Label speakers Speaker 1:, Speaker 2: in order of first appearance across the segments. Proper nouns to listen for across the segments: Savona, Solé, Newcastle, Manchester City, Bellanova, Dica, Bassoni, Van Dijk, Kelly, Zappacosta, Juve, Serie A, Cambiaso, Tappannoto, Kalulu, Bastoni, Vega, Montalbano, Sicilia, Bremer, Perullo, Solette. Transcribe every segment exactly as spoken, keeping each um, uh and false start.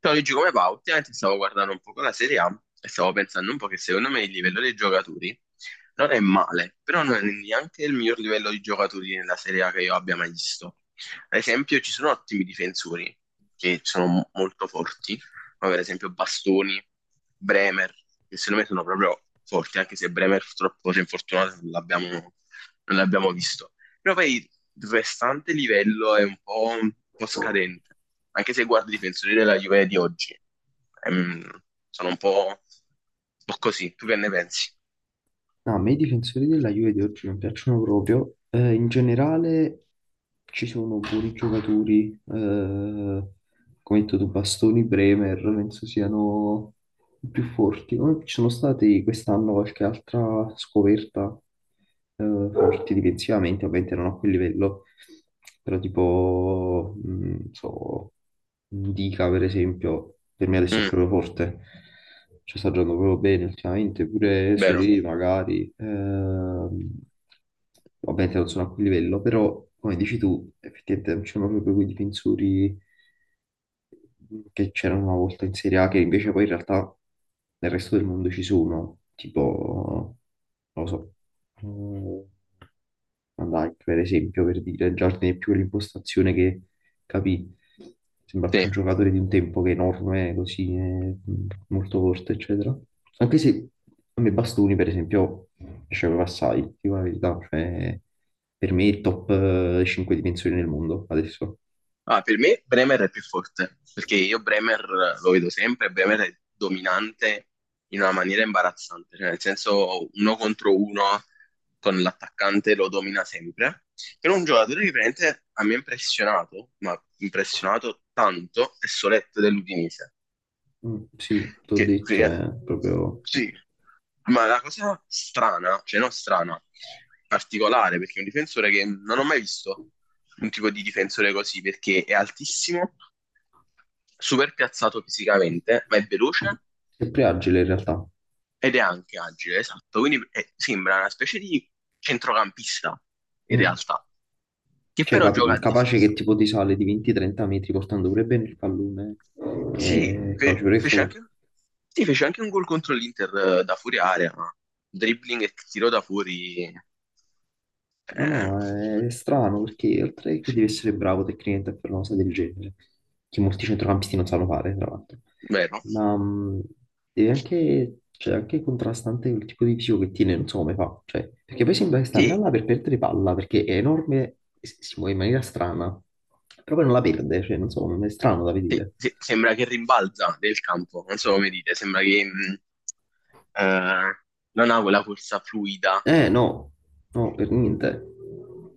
Speaker 1: Ciao Luigi, come va? Ultimamente stavo guardando un po' la Serie A e stavo pensando un po' che secondo me il livello dei giocatori non è male, però non è neanche il miglior livello di giocatori nella Serie A che io abbia mai visto. Ad esempio ci sono ottimi difensori che sono mo- molto forti, come ad esempio Bastoni, Bremer, che secondo me sono proprio forti, anche se Bremer purtroppo si è infortunato, non l'abbiamo non l'abbiamo visto. Poi il restante livello è un po', un po' scadente, anche se guardo i difensori della Juve di oggi, ehm, sono un po', un po' così, tu che ne pensi?
Speaker 2: No, a me i difensori della Juve di oggi non piacciono proprio. Eh, in generale ci sono buoni giocatori, eh, come hai detto tu, Bastoni, Bremer, penso siano più forti. Poi ci sono state quest'anno qualche altra scoperta eh, forti difensivamente, ovviamente non a quel livello, però tipo, mh, non so, Dica per esempio, per me adesso è
Speaker 1: Mm,
Speaker 2: proprio forte, ci sta giocando proprio bene ultimamente, pure
Speaker 1: vero,
Speaker 2: Solé magari. Ehm, ovviamente non sono a quel livello, però come dici tu, effettivamente non c'erano proprio quei difensori che c'erano una volta in Serie A, che invece poi in realtà nel resto del mondo ci sono, tipo, non lo so, mm, Van Dijk, per esempio, per dire, già tiene più l'impostazione che capì, sembra più
Speaker 1: sì.
Speaker 2: un giocatore di un tempo che è enorme, così, eh, molto forte, eccetera. Anche se a me Bastoni, per esempio, piaceva assai, ti dico la verità, cioè, per me è il top cinque dimensioni nel mondo adesso.
Speaker 1: Ah, per me Bremer è più forte, perché io Bremer lo vedo sempre, Bremer è dominante in una maniera imbarazzante, cioè nel senso uno contro uno con l'attaccante lo domina sempre. Però un giocatore che veramente a me ha impressionato, ma impressionato tanto, è Solette dell'Udinese
Speaker 2: Mm, sì, t'ho
Speaker 1: che,
Speaker 2: detto,
Speaker 1: che-
Speaker 2: è proprio
Speaker 1: sì, ma la cosa strana, cioè non strana, particolare, perché è un difensore che non ho mai visto un tipo di difensore così, perché è altissimo, super piazzato fisicamente, ma è veloce
Speaker 2: Sempre agile in realtà.
Speaker 1: ed è anche agile, esatto, quindi è sembra una specie di centrocampista in
Speaker 2: Mm.
Speaker 1: realtà, che
Speaker 2: Cioè,
Speaker 1: però
Speaker 2: capi-
Speaker 1: gioca a
Speaker 2: capace che
Speaker 1: difesa.
Speaker 2: tipo ti sale di venti trenta metri portando pure bene il pallone.
Speaker 1: Sì,
Speaker 2: È
Speaker 1: fe-
Speaker 2: capace pure che fa
Speaker 1: fece
Speaker 2: gol.
Speaker 1: anche, sì, fece anche un gol contro l'Inter, eh, da fuori area, ma dribbling e tiro da fuori,
Speaker 2: No,
Speaker 1: eh,
Speaker 2: no, è strano perché oltre che
Speaker 1: sì,
Speaker 2: deve essere bravo tecnicamente per una cosa del genere, che molti centrocampisti non sanno fare, tra l'altro,
Speaker 1: vero?
Speaker 2: ma mm, deve anche, cioè, anche contrastante il tipo di fisico che tiene, non so come fa. Cioè, perché poi sembra che sta là
Speaker 1: Sì,
Speaker 2: là per perdere palla, perché è enorme e si si muove in maniera strana, però poi non la perde, cioè, non so, è strano da
Speaker 1: sì,
Speaker 2: vedere.
Speaker 1: sì, sembra che rimbalza del campo, non so come dite, sembra che mh, eh, non ha quella corsa fluida.
Speaker 2: Eh no, no, per niente.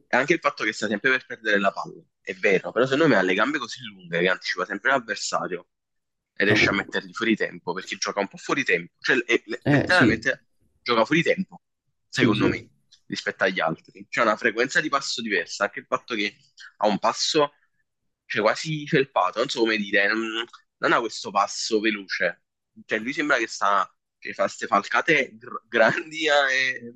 Speaker 1: E anche il fatto che sta sempre per perdere la palla, è vero, però secondo me ha le gambe così lunghe che anticipa sempre l'avversario e
Speaker 2: No,
Speaker 1: riesce a
Speaker 2: com-
Speaker 1: metterli fuori tempo, perché gioca un po' fuori tempo, cioè è- le-
Speaker 2: eh sì,
Speaker 1: letteralmente gioca fuori tempo,
Speaker 2: sì,
Speaker 1: secondo
Speaker 2: sì.
Speaker 1: me, rispetto agli altri. C'è una frequenza di passo diversa, anche il fatto che ha un passo, cioè quasi felpato, non so come dire, non, non ha questo passo veloce. Cioè lui sembra che sta, che fa queste falcate gr- grandi, eh,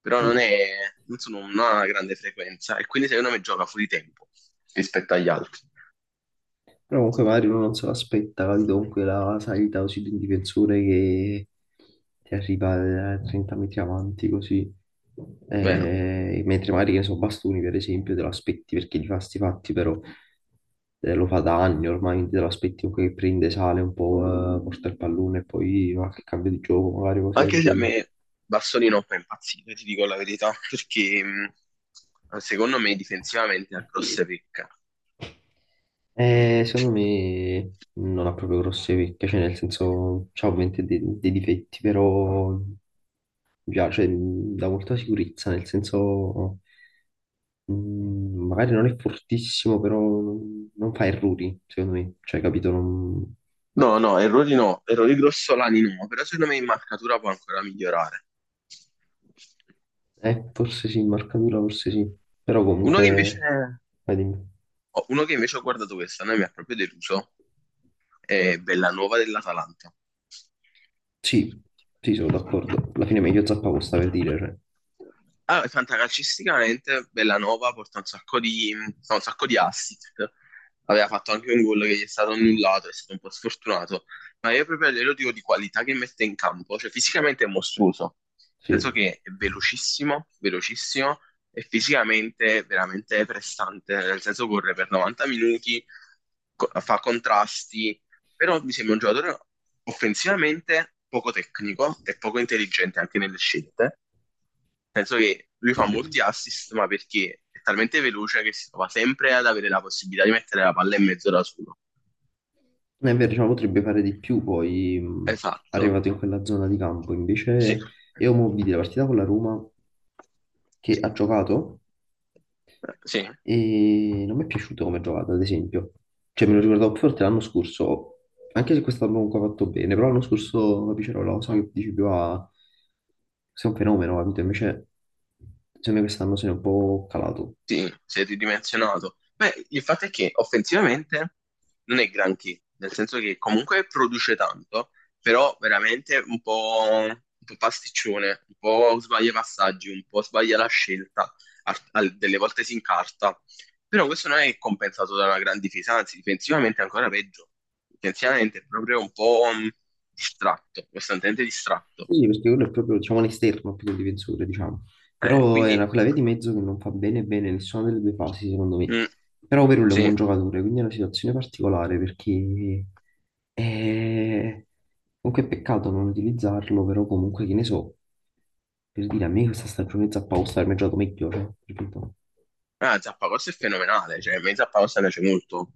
Speaker 1: però
Speaker 2: Mm.
Speaker 1: non è, non sono- non ha una grande frequenza e quindi secondo me gioca fuori tempo rispetto agli altri.
Speaker 2: Però comunque magari uno non se l'aspetta, capito? Comunque la salita così di un difensore che ti arriva a trenta metri avanti così.
Speaker 1: Vero.
Speaker 2: Eh, mentre magari che ne so, Bastoni per esempio te lo aspetti perché gli fa sti fatti, però eh, lo fa da anni ormai, quindi te lo aspetti comunque che prende, sale un po', eh, porta il pallone e poi va che cambio di gioco, magari cose del
Speaker 1: Anche se a
Speaker 2: genere.
Speaker 1: me Bassoni non fa impazzire, ti dico la verità, perché mh, secondo me difensivamente ha grosse pecche.
Speaker 2: Eh, secondo me non ha proprio grosse pecche, cioè nel senso, c'ha ovviamente dei, dei difetti, però già, cioè, mh, dà molta sicurezza, nel senso, mh, magari non è fortissimo, però non, non fa errori, secondo me, cioè, capito? Non-
Speaker 1: No, no, errori no, errori grossolani no, però secondo me in marcatura può ancora migliorare.
Speaker 2: Eh, forse sì, in marcatura, forse sì, però
Speaker 1: Uno che invece,
Speaker 2: comunque, vai dimmi.
Speaker 1: oh, uno che invece ho guardato quest'anno e mi ha proprio deluso è Bellanova dell'Atalanta.
Speaker 2: Sì, sì, sono d'accordo, alla fine è meglio Zappacosta per dire, cioè,
Speaker 1: Ah, fantacalcisticamente Bellanova porta un sacco di, fa un sacco di assist. Aveva fatto anche un gol che gli è stato annullato, è stato un po' sfortunato. Ma io proprio glielo dico di qualità che mette in campo. Cioè, fisicamente è mostruoso. Nel senso
Speaker 2: sì.
Speaker 1: che è velocissimo, velocissimo e fisicamente veramente prestante. Nel senso corre per novanta minuti, co- fa contrasti, però mi sembra un giocatore offensivamente poco tecnico e poco intelligente anche nelle scelte. Nel senso che lui fa molti assist, ma perché è talmente veloce che si trova sempre ad avere la possibilità di mettere la palla in mezzo da solo.
Speaker 2: È vero, diciamo, potrebbe fare di più poi mh,
Speaker 1: Esatto,
Speaker 2: arrivato in quella zona di campo.
Speaker 1: sì,
Speaker 2: Invece io mo vidi la partita con la Roma che ha giocato
Speaker 1: sì.
Speaker 2: e non mi è piaciuto come ha giocato, ad esempio. Cioè me lo ricordavo più forte l'anno scorso, anche se quest'anno comunque ha fatto bene, però l'anno scorso Piccolo, lo so che dici più a... sei un fenomeno, capito? Invece secondo me quest'anno se ne è un po' calato.
Speaker 1: Sì, si è ridimensionato. Beh, il fatto è che offensivamente non è granché, nel senso che comunque produce tanto, però veramente un po', un po' pasticcione, un po' sbaglia i passaggi, un po' sbaglia la scelta, al- al- delle volte si incarta. Però questo non è compensato da una gran difesa, anzi, difensivamente è ancora peggio. Difensivamente è proprio un po' mh, distratto, costantemente distratto.
Speaker 2: Sì, perché quello è proprio, diciamo, l'esterno più che il difensore, diciamo.
Speaker 1: Eh,
Speaker 2: Però è
Speaker 1: quindi,
Speaker 2: una, quella via di mezzo che non fa bene bene nessuna delle due fasi, secondo me.
Speaker 1: mh,
Speaker 2: Però Perullo è un
Speaker 1: sì.
Speaker 2: buon giocatore, quindi è una situazione particolare perché è... comunque è peccato non utilizzarlo, però comunque che ne so, per dire a me questa stagione Zappaosta mi ha giocato meglio, cioè, capito?
Speaker 1: Ah, Zappacosta è fenomenale, cioè a me Zappacosta piace molto,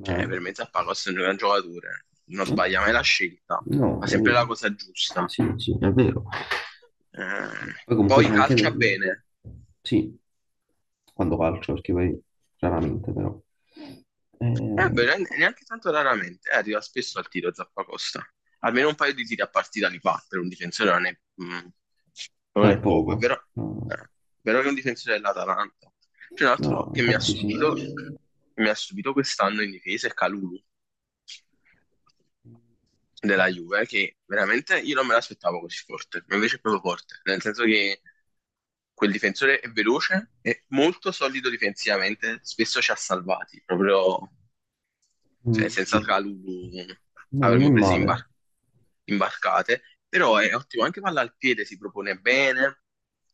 Speaker 2: Ma...
Speaker 1: cioè per me Zappacosta è un gran giocatore, non sbaglia mai la scelta,
Speaker 2: No,
Speaker 1: fa sempre la
Speaker 2: eh,
Speaker 1: cosa giusta.
Speaker 2: sì, sì, è vero.
Speaker 1: Eh,
Speaker 2: Poi comunque c'è
Speaker 1: poi
Speaker 2: anche da
Speaker 1: calcia
Speaker 2: dire,
Speaker 1: bene.
Speaker 2: sì, quando calcio, perché poi raramente però,
Speaker 1: Vabbè,
Speaker 2: Eh,
Speaker 1: neanche neanche tanto raramente, eh, arriva spesso al tiro Zappacosta. Almeno un paio di tiri a partita li fa per un difensore, non è, mm,
Speaker 2: non
Speaker 1: non
Speaker 2: è
Speaker 1: è poco. È
Speaker 2: poco,
Speaker 1: vero, eh,
Speaker 2: no,
Speaker 1: è vero che è un difensore dell'Atalanta. C'è un altro
Speaker 2: no,
Speaker 1: che mi ha
Speaker 2: infatti sì,
Speaker 1: stupito, che mi ha stupito quest'anno in difesa, è Kalulu della Juve, che veramente io non me l'aspettavo così forte, ma invece è proprio forte, nel senso che quel difensore è veloce, è molto solido difensivamente, spesso ci ha salvati, proprio, cioè
Speaker 2: Mm,
Speaker 1: senza Calulu
Speaker 2: no, non è
Speaker 1: avremmo preso in
Speaker 2: male.
Speaker 1: bar- imbarcate, però è ottimo anche palla al piede, si propone bene,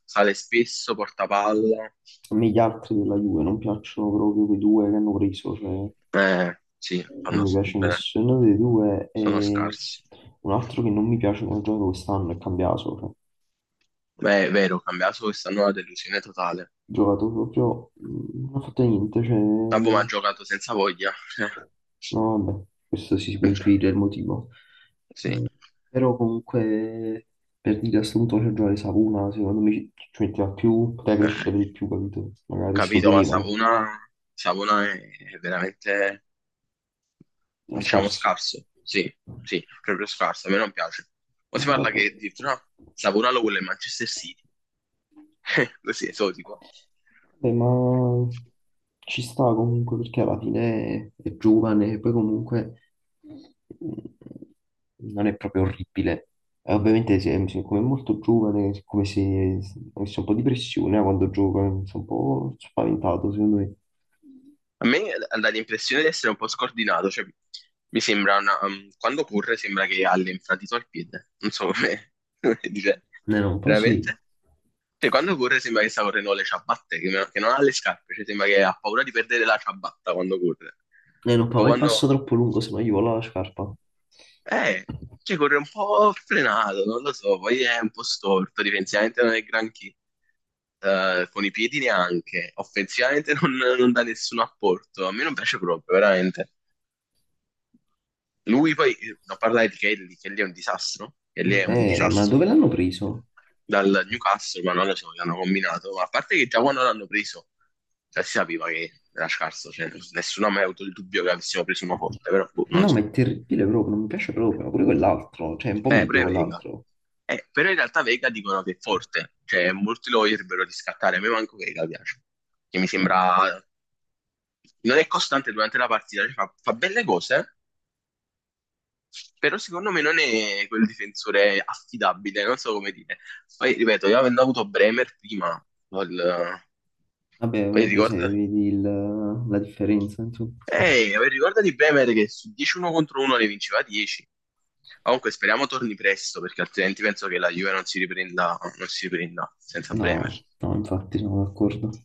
Speaker 1: sale spesso, porta palla,
Speaker 2: A me gli altri della Juve non piacciono proprio quei due che hanno preso, cioè
Speaker 1: eh, sì,
Speaker 2: non
Speaker 1: fanno
Speaker 2: mi
Speaker 1: s-
Speaker 2: piace
Speaker 1: bene,
Speaker 2: nessuno dei due
Speaker 1: sono
Speaker 2: e
Speaker 1: scarsi.
Speaker 2: un altro che non mi piace come gioco quest'anno è Cambiaso, cioè,
Speaker 1: Beh, è vero, cambiato quest'anno è una delusione totale.
Speaker 2: giocato proprio, mm, non ha fatto niente, cioè,
Speaker 1: Tabo mi ha
Speaker 2: no
Speaker 1: giocato senza voglia,
Speaker 2: vabbè, questo si può
Speaker 1: già,
Speaker 2: intuire il motivo.
Speaker 1: sì. Eh,
Speaker 2: Però comunque per dire a questo punto faccio giocare Savona, secondo me ci, ci metteva più, poteva crescere di più, capito?
Speaker 1: ho
Speaker 2: Magari se lo
Speaker 1: capito, ma
Speaker 2: tenevano,
Speaker 1: Savona, Savona è è veramente
Speaker 2: è
Speaker 1: diciamo
Speaker 2: scarso.
Speaker 1: scarso, sì, sì, proprio scarso, a me non piace. Poi si
Speaker 2: Eh,
Speaker 1: parla che
Speaker 2: vabbè.
Speaker 1: addirittura no, Savonalo vuole il Manchester City, così esotico.
Speaker 2: Beh, ma ci sta comunque perché alla fine è giovane e poi comunque mm, non è proprio orribile. Eh, ovviamente se- siccome è molto giovane, è come se avesse un po' di pressione eh, quando gioca, sono un po' spaventato secondo me.
Speaker 1: A me dà l'impressione di essere un po' scordinato, cioè mi sembra una- um, quando corre sembra che ha l'infradito al piede, non so come come dire,
Speaker 2: Eh, no, un po' sì.
Speaker 1: veramente? Cioè, quando corre sembra che sta correndo con le ciabatte, che, non- che non ha le scarpe, cioè sembra che ha paura di perdere la ciabatta quando corre.
Speaker 2: Eh, non fa
Speaker 1: Poi
Speaker 2: mai il passo
Speaker 1: quando...
Speaker 2: troppo lungo, se no gli vola la scarpa.
Speaker 1: eh, cioè corre un po' frenato, non lo so, poi è un po' storto, difensivamente non è granché, eh, con i piedi neanche, offensivamente non, non dà nessun apporto, a me non piace proprio, veramente. Lui poi, eh, non parlare di Kelly, Kelly è un disastro, Kelly è un
Speaker 2: Eh, ma
Speaker 1: disastro.
Speaker 2: dove l'hanno preso?
Speaker 1: Dal Newcastle, ma non lo so che hanno combinato, ma a parte che già quando l'hanno preso, già si sapeva che era scarso, cioè, nessuno ha mai avuto il dubbio che avessimo preso uno forte, però boh, non
Speaker 2: No,
Speaker 1: so.
Speaker 2: ma è terribile proprio, non mi piace proprio. Pure quell'altro, cioè è un po'
Speaker 1: Eh,
Speaker 2: meglio
Speaker 1: pure Vega.
Speaker 2: quell'altro.
Speaker 1: Eh, però in realtà Vega dicono che è forte, cioè molti lo vorrebbero riscattare, a me manco Vega piace, che mi
Speaker 2: No,
Speaker 1: sembra... non è costante durante la partita, cioè, fa, fa belle cose, eh. Però secondo me non è quel difensore affidabile, non so come dire. Poi, ripeto, io avendo avuto Bremer prima, vol-
Speaker 2: vabbè,
Speaker 1: poi
Speaker 2: ovviamente se
Speaker 1: ricorda...
Speaker 2: vedi il- la differenza, insomma.
Speaker 1: eh, ricorda di Bremer che su dieci, uno contro uno ne vinceva dieci. Comunque speriamo torni presto, perché altrimenti penso che la Juve non si riprenda, non si riprenda senza Bremer.
Speaker 2: No, no, infatti sono d'accordo.